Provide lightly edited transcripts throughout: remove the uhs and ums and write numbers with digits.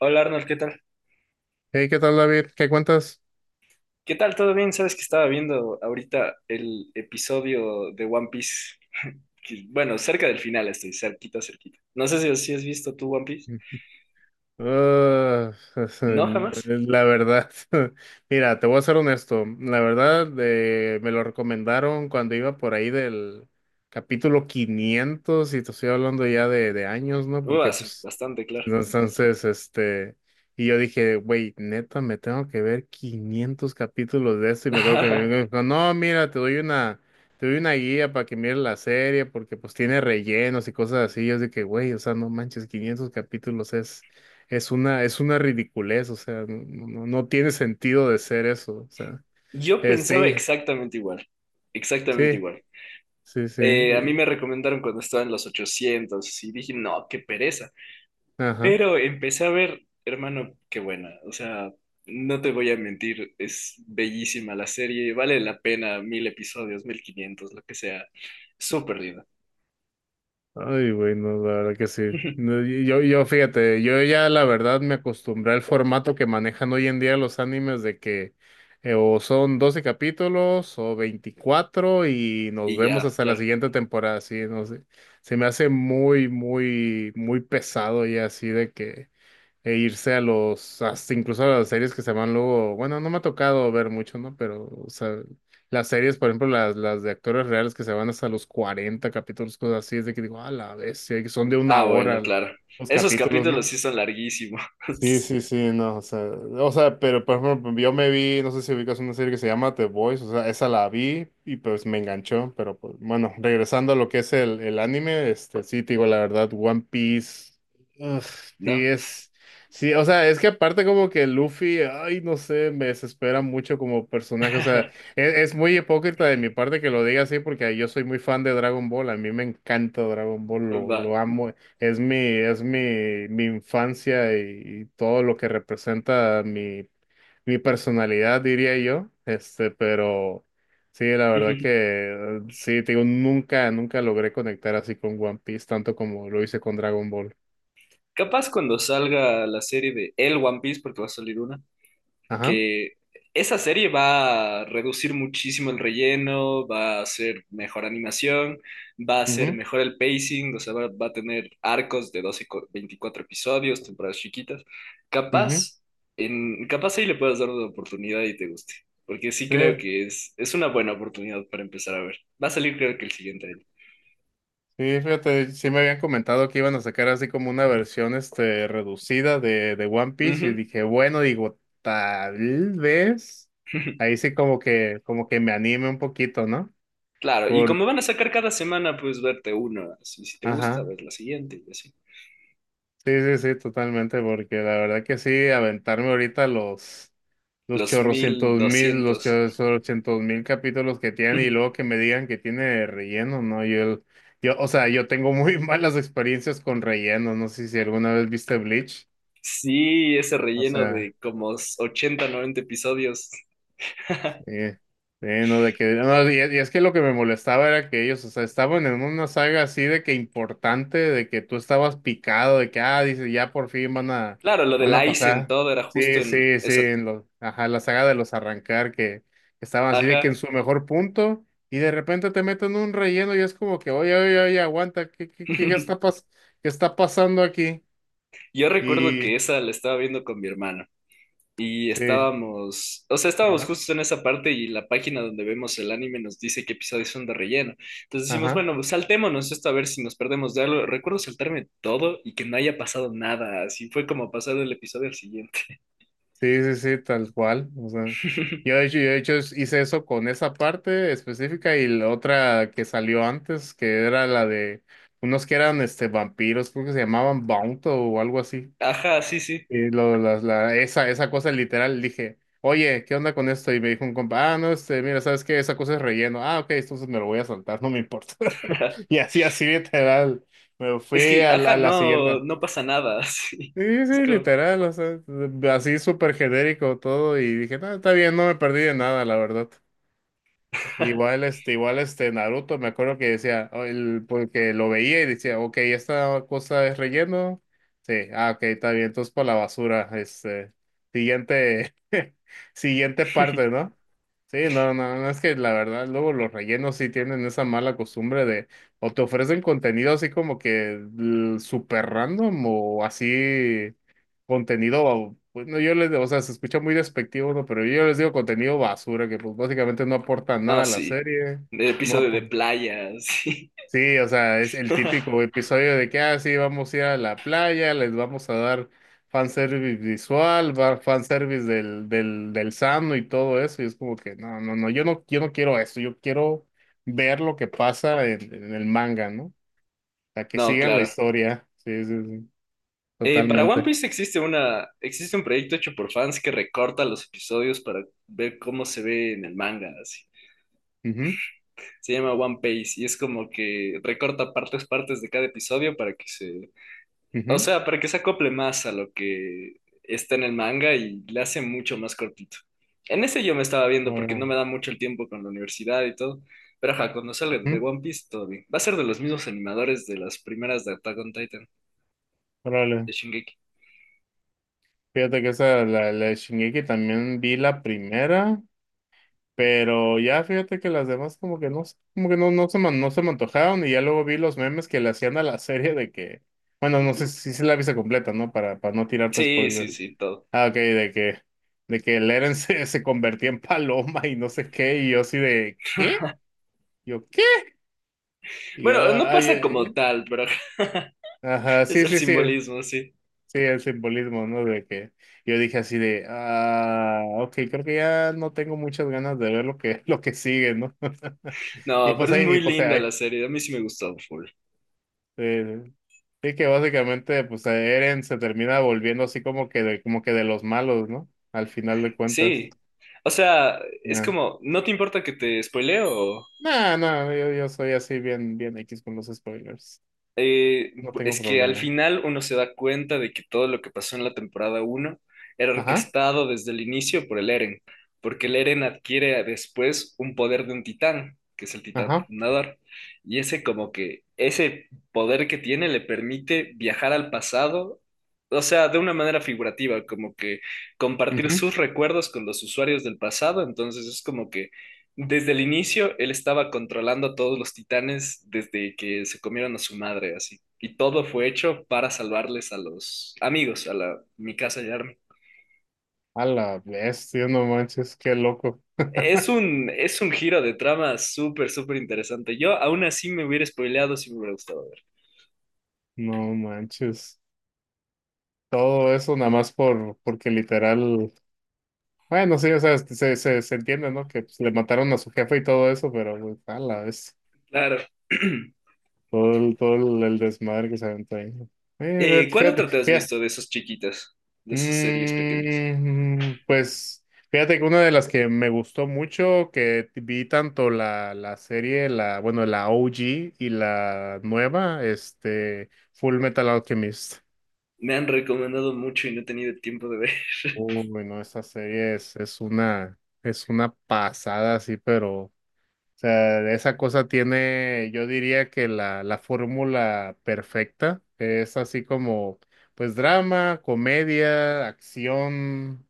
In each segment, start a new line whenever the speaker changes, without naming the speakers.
Hola Arnold, ¿qué tal?
Hey, ¿qué tal, David? ¿Qué cuentas?
¿Qué tal? ¿Todo bien? Sabes que estaba viendo ahorita el episodio de One Piece. Bueno, cerca del final estoy, cerquita, cerquita. No sé si has visto tú One Piece.
Ah,
No, jamás.
la verdad, mira, te voy a ser honesto. La verdad, me lo recomendaron cuando iba por ahí del capítulo 500, y te estoy hablando ya de años, ¿no? Porque
Uas,
pues.
bastante claro.
Entonces, y yo dije, güey, neta, me tengo que ver 500 capítulos de esto. Y me acuerdo que mi amigo me dijo, no, mira, te doy una guía para que mires la serie, porque pues tiene rellenos y cosas así. Yo dije, güey, o sea, no manches, 500 capítulos es una ridiculez. O sea, no, no, no, no tiene sentido de ser eso. O sea,
Yo pensaba
este,
exactamente igual, exactamente
sí,
igual.
sí, sí,
A mí me recomendaron cuando estaba en los 800 y dije, no, qué pereza.
ajá.
Pero empecé a ver, hermano, qué buena. O sea, no te voy a mentir, es bellísima la serie, vale la pena 1000 episodios, 1500, lo que sea. Súper linda.
Ay, güey, no, la verdad que sí. No, Yo, fíjate, yo ya, la verdad, me acostumbré al formato que manejan hoy en día los animes, de que o son 12 capítulos o 24, y nos
Y
vemos
ya,
hasta la
claro.
siguiente temporada. Sí, no sé. Se me hace muy, muy, muy pesado ya, así de que e irse a los, hasta incluso a las series que se van luego. Bueno, no me ha tocado ver mucho, ¿no? Pero, o sea, las series, por ejemplo, las de actores reales, que se van hasta los 40 capítulos, cosas así, es de que digo, a la bestia, que son de
Ah,
una
bueno,
hora
claro.
los
Esos
capítulos,
capítulos
¿no?
sí son larguísimos.
Sí, sí, sí, no. O sea, pero por ejemplo, yo me vi, no sé si ubicas una serie que se llama The Boys. O sea, esa la vi y pues me enganchó. Pero pues, bueno, regresando a lo que es el anime, sí, te digo la verdad, One Piece, ugh, sí
¿No?
es. Sí, o sea, es que aparte como que Luffy, ay, no sé, me desespera mucho como personaje. O sea, es muy hipócrita de mi parte que lo diga así, porque yo soy muy fan de Dragon Ball. A mí me encanta Dragon Ball,
Va.
lo amo. Es mi infancia y todo lo que representa mi personalidad, diría yo. Pero sí, la verdad que sí, te digo, nunca, nunca logré conectar así con One Piece, tanto como lo hice con Dragon Ball.
Capaz cuando salga la serie de El One Piece, porque va a salir una,
Ajá.
que esa serie va a reducir muchísimo el relleno, va a ser mejor animación, va a ser
Mhm.
mejor el pacing, o sea, va a tener arcos de 12 y 24 episodios, temporadas chiquitas.
Mhm.
Capaz, capaz ahí le puedas dar una oportunidad y te guste, porque sí creo que es una buena oportunidad para empezar a ver. Va a salir creo que el siguiente año.
Sí, fíjate, sí me habían comentado que iban a sacar así como una versión reducida de One Piece. Y
Ujú.
dije, bueno, digo, tal vez ahí sí como que me anime un poquito, ¿no?
Claro, y
Por,
como van a sacar cada semana, pues verte uno, así si te gusta,
ajá.
ver la siguiente y así.
Sí, sí, sí, totalmente, porque la verdad que sí, aventarme ahorita los
Los mil
chorrocientos mil
doscientos
capítulos que tienen, y luego que me digan que tiene relleno, ¿no? Yo, o sea, yo tengo muy malas experiencias con relleno. No sé si alguna vez viste Bleach.
Sí, ese
O
relleno
sea,
de como 80 90 episodios.
sí, sí, no, de que, no, y es que lo que me molestaba era que ellos, o sea, estaban en una saga así, de que importante, de que tú estabas picado, de que, ah, dice, ya por fin
Claro, lo del
van a
Aizen,
pasar.
todo era justo
Sí,
en
sí, sí,
esa.
en los, ajá, la saga de los arrancar, que estaban así de que en
Ajá.
su mejor punto, y de repente te meten un relleno, y es como que, oye, oye, oye, aguanta, ¿qué, qué, qué está pas, qué está pasando aquí?
Yo recuerdo que
Y,
esa la estaba viendo con mi hermano y
sí,
estábamos, o sea, estábamos
ajá,
justo en esa parte y la página donde vemos el anime nos dice qué episodios son de relleno. Entonces decimos,
ajá.
bueno, pues saltémonos esto a ver si nos perdemos de algo. Recuerdo saltarme todo y que no haya pasado nada. Así fue como pasar del episodio al siguiente.
Sí, sí, sí, tal cual. O sea, yo de hecho hice eso con esa parte específica, y la otra que salió antes, que era la de unos que eran vampiros, creo que se llamaban bounto o algo así.
Ajá, sí, sí.
Y lo, la- esa cosa literal, dije, oye, ¿qué onda con esto? Y me dijo un compa, ah, no, mira, ¿sabes qué? Esa cosa es relleno. Ah, ok, entonces me lo voy a saltar, no me importa. Y así, así literal. Me
Es
fui
que, ajá,
a la
no,
siguiente.
no pasa nada, sí.
Sí,
Es
sí,
como,
literal. O sea, así súper genérico todo, y dije, no, está bien, no me perdí de nada, la verdad. Igual, igual, Naruto, me acuerdo que decía, oh, porque lo veía y decía, ok, esta cosa es relleno, sí, ah, ok, está bien, entonces por la basura, siguiente, siguiente parte, ¿no? Sí, no, no, no, es que la verdad, luego los rellenos sí tienen esa mala costumbre de, o te ofrecen contenido así como que súper random, o así contenido. Pues no, yo les digo, o sea, se escucha muy despectivo, ¿no? Pero yo les digo contenido basura, que pues básicamente no aporta
no,
nada a la
sí,
serie.
de
No
episodio de
apo-
playa, sí.
Sí, o sea, es el típico episodio de que, ah, sí, vamos a ir a la playa, les vamos a dar fanservice visual, fanservice del, del, del sano y todo eso. Y es como que, no, no, no, yo no quiero eso, yo quiero ver lo que pasa en el manga, ¿no? O sea, que
No,
sigan la
claro.
historia, sí, sí, sí,
Para One
totalmente.
Piece existe un proyecto hecho por fans que recorta los episodios para ver cómo se ve en el manga, así.
Ujú,
Se llama One Piece y es como que recorta partes de cada episodio para que se, o
ujú,
sea, para que se acople más a lo que está en el manga y le hace mucho más cortito. En ese yo me estaba viendo porque no
ahora,
me da mucho el tiempo con la universidad y todo. Pero ajá, cuando salga el
ujú.
de One Piece, todo bien. Va a ser de los mismos animadores de las primeras de Attack on Titan,
Órale,
de Shingeki.
fíjate que esa, la, de Shingeki también vi la primera, pero ya, fíjate, que las demás como que no, como que no, no se me antojaron. Y ya luego vi los memes que le hacían a la serie de que, bueno, no sé si se la viste completa, ¿no? Para no tirarte
Sí, sí,
spoiler.
sí, todo.
Ah, ok, de que Eren se convertía en paloma y no sé qué, y yo así de, ¿qué? Yo, ¿qué? Y yo,
Bueno, no
ay,
pasa como
eh,
tal, pero
ajá,
es
sí,
el
sí, sí.
simbolismo, sí.
Sí, el simbolismo, ¿no? De que yo dije así de, ah, ok, creo que ya no tengo muchas ganas de ver lo que, lo que sigue, ¿no? Y
No, pero
pues
es
ahí, y
muy
pues
linda
ahí.
la serie. A mí sí me gustó full.
eh, Sí, que básicamente, pues, Eren se termina volviendo así como que de los malos, ¿no? Al final de cuentas.
Sí. O sea, es
Ya.
como, ¿no te importa que te spoileo?
No, no, yo soy así bien, bien X con los spoilers. No tengo
Es que al
problema.
final uno se da cuenta de que todo lo que pasó en la temporada uno era
Ajá,
orquestado desde el inicio por el Eren, porque el Eren adquiere después un poder de un titán, que es el titán
ajá.
fundador, y ese como que ese poder que tiene le permite viajar al pasado, o sea, de una manera figurativa, como que compartir
Ujú.
sus recuerdos con los usuarios del pasado, entonces es como que desde el inicio, él estaba controlando a todos los titanes desde que se comieron a su madre, así. Y todo fue hecho para salvarles a los amigos, a la Mikasa y Armin.
A la bestia, no manches, qué loco.
Es un, es un giro de trama súper, súper interesante. Yo aún así me hubiera spoileado si me hubiera gustado ver.
No manches. Todo eso nada más por, porque literal, bueno, sí, o sea, se entiende, ¿no? Que pues, le mataron a su jefe y todo eso, pero pues, a la vez,
Claro.
el desmadre que se aventó ahí, ¿no?
¿Cuál
Fíjate,
otra
fíjate,
te has visto
fíjate.
de esos chiquitas, de esas series pequeñas?
Pues fíjate que una de las que me gustó mucho, que vi tanto la serie, la, bueno, la OG y la nueva, Full Metal Alchemist.
Me han recomendado mucho y no he tenido tiempo de ver.
Uy, no, esta serie es una pasada, sí. Pero, o sea, esa cosa tiene, yo diría que la fórmula perfecta es así como pues, drama, comedia, acción.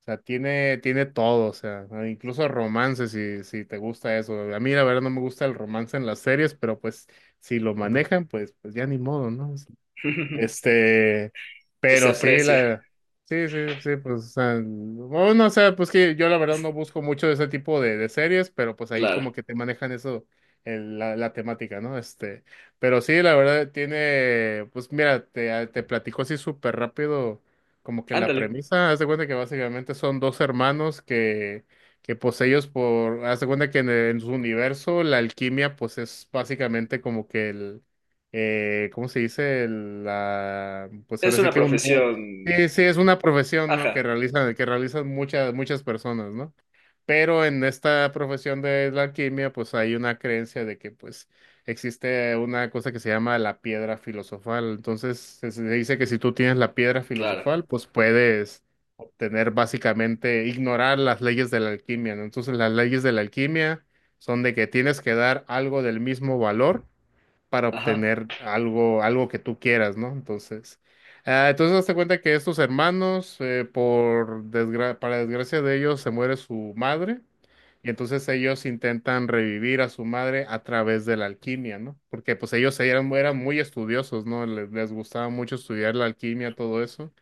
O sea, tiene todo. O sea, ah, incluso romance, si te gusta eso. A mí, la verdad, no me gusta el romance en las series, pero pues, si lo manejan, pues, ya ni modo, ¿no? Este,
Se
pero sí,
aprecia,
sí, sí, sí, pues, o sea, bueno, o sea, pues, que yo la verdad no busco mucho de ese tipo de series, pero pues ahí
claro.
como que te manejan eso, la, la temática, ¿no? Pero sí, la verdad tiene. Pues mira, te platico así súper rápido, como que la
Ándale.
premisa. Haz de cuenta que básicamente son dos hermanos que, pues ellos por... Haz de cuenta que en su universo, la alquimia pues es básicamente como que el ¿cómo se dice? La, pues
Es
ahora sí
una
que un. Sí,
profesión.
sí, es una profesión, ¿no?
Ajá,
Que realizan muchas, muchas personas, ¿no? Pero en esta profesión de la alquimia, pues hay una creencia de que, pues, existe una cosa que se llama la piedra filosofal. Entonces, se dice que si tú tienes la piedra
claro.
filosofal, pues puedes obtener básicamente, ignorar las leyes de la alquimia, ¿no? Entonces, las leyes de la alquimia son de que tienes que dar algo del mismo valor para
Ajá.
obtener algo, algo que tú quieras, ¿no? Entonces, ah, entonces hazte cuenta que estos hermanos, para desgracia de ellos, se muere su madre. Y entonces ellos intentan revivir a su madre a través de la alquimia, ¿no? Porque pues ellos eran muy estudiosos, ¿no? Les gustaba mucho estudiar la alquimia, todo eso.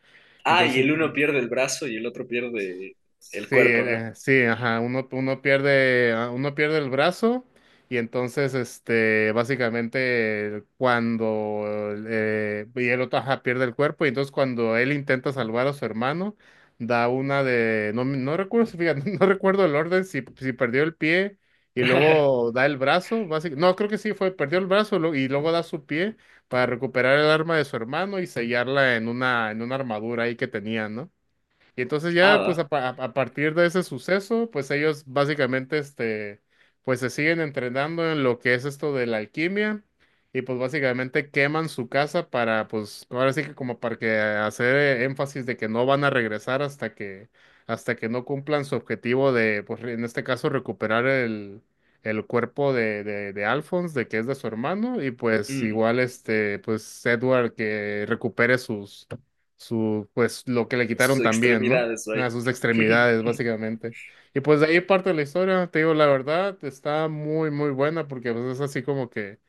Ah, y
Entonces,
el uno pierde el brazo y el otro pierde el
sí,
cuerpo, ¿no?
sí, ajá, uno pierde el brazo. Y entonces, este, básicamente cuando y el otro, ajá, pierde el cuerpo. Y entonces cuando él intenta salvar a su hermano, da una de, no, no recuerdo, fíjate, no recuerdo el orden, si perdió el pie y luego da el brazo, básicamente. No, creo que sí fue, perdió el brazo, y luego da su pie para recuperar el arma de su hermano y sellarla en una armadura ahí que tenía, ¿no? Y entonces
Ah,
ya, pues
va.
a, a partir de ese suceso, pues ellos básicamente, pues se siguen entrenando en lo que es esto de la alquimia. Y pues básicamente queman su casa para, pues ahora sí que como para que hacer énfasis de que no van a regresar hasta que no cumplan su objetivo de, pues en este caso, recuperar el cuerpo de Alphonse, de que es de su hermano. Y pues
Mm,
igual, este, pues Edward, que recupere sus, su, pues lo que le
sus
quitaron también, ¿no?
extremidades, vaya.
A sus extremidades, básicamente. Y pues de ahí parte de la historia, te digo, la verdad, está muy, muy buena, porque pues, es así como que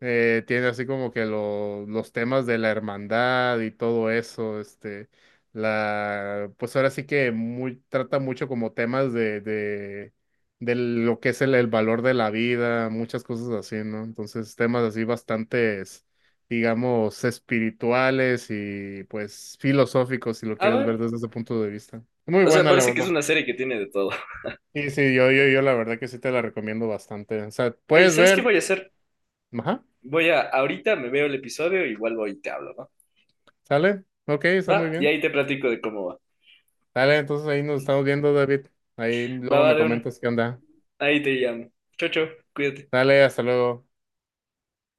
tiene así como que lo- los temas de la hermandad y todo eso, este, la, pues ahora sí que muy, trata mucho como temas de lo que es el valor de la vida, muchas cosas así, ¿no? Entonces, temas así bastantes, digamos, espirituales y pues filosóficos, si lo
A
quieres ver
ver.
desde ese punto de vista. Muy
O sea,
buena, la
parece que
verdad.
es una serie que tiene de todo.
Sí, sí, yo la verdad que sí, te la recomiendo bastante. O sea,
Ey,
puedes
¿sabes qué
ver,
voy a hacer?
ajá,
Voy a, ahorita me veo el episodio y vuelvo y te hablo, ¿va?
sale, ok, está muy
Va, y
bien.
ahí te platico de cómo va.
Dale, entonces ahí nos estamos viendo, David. Ahí
Va,
luego
va
me
de una.
comentas qué onda.
Ahí te llamo. Chau, chau. Cuídate.
Dale, hasta luego.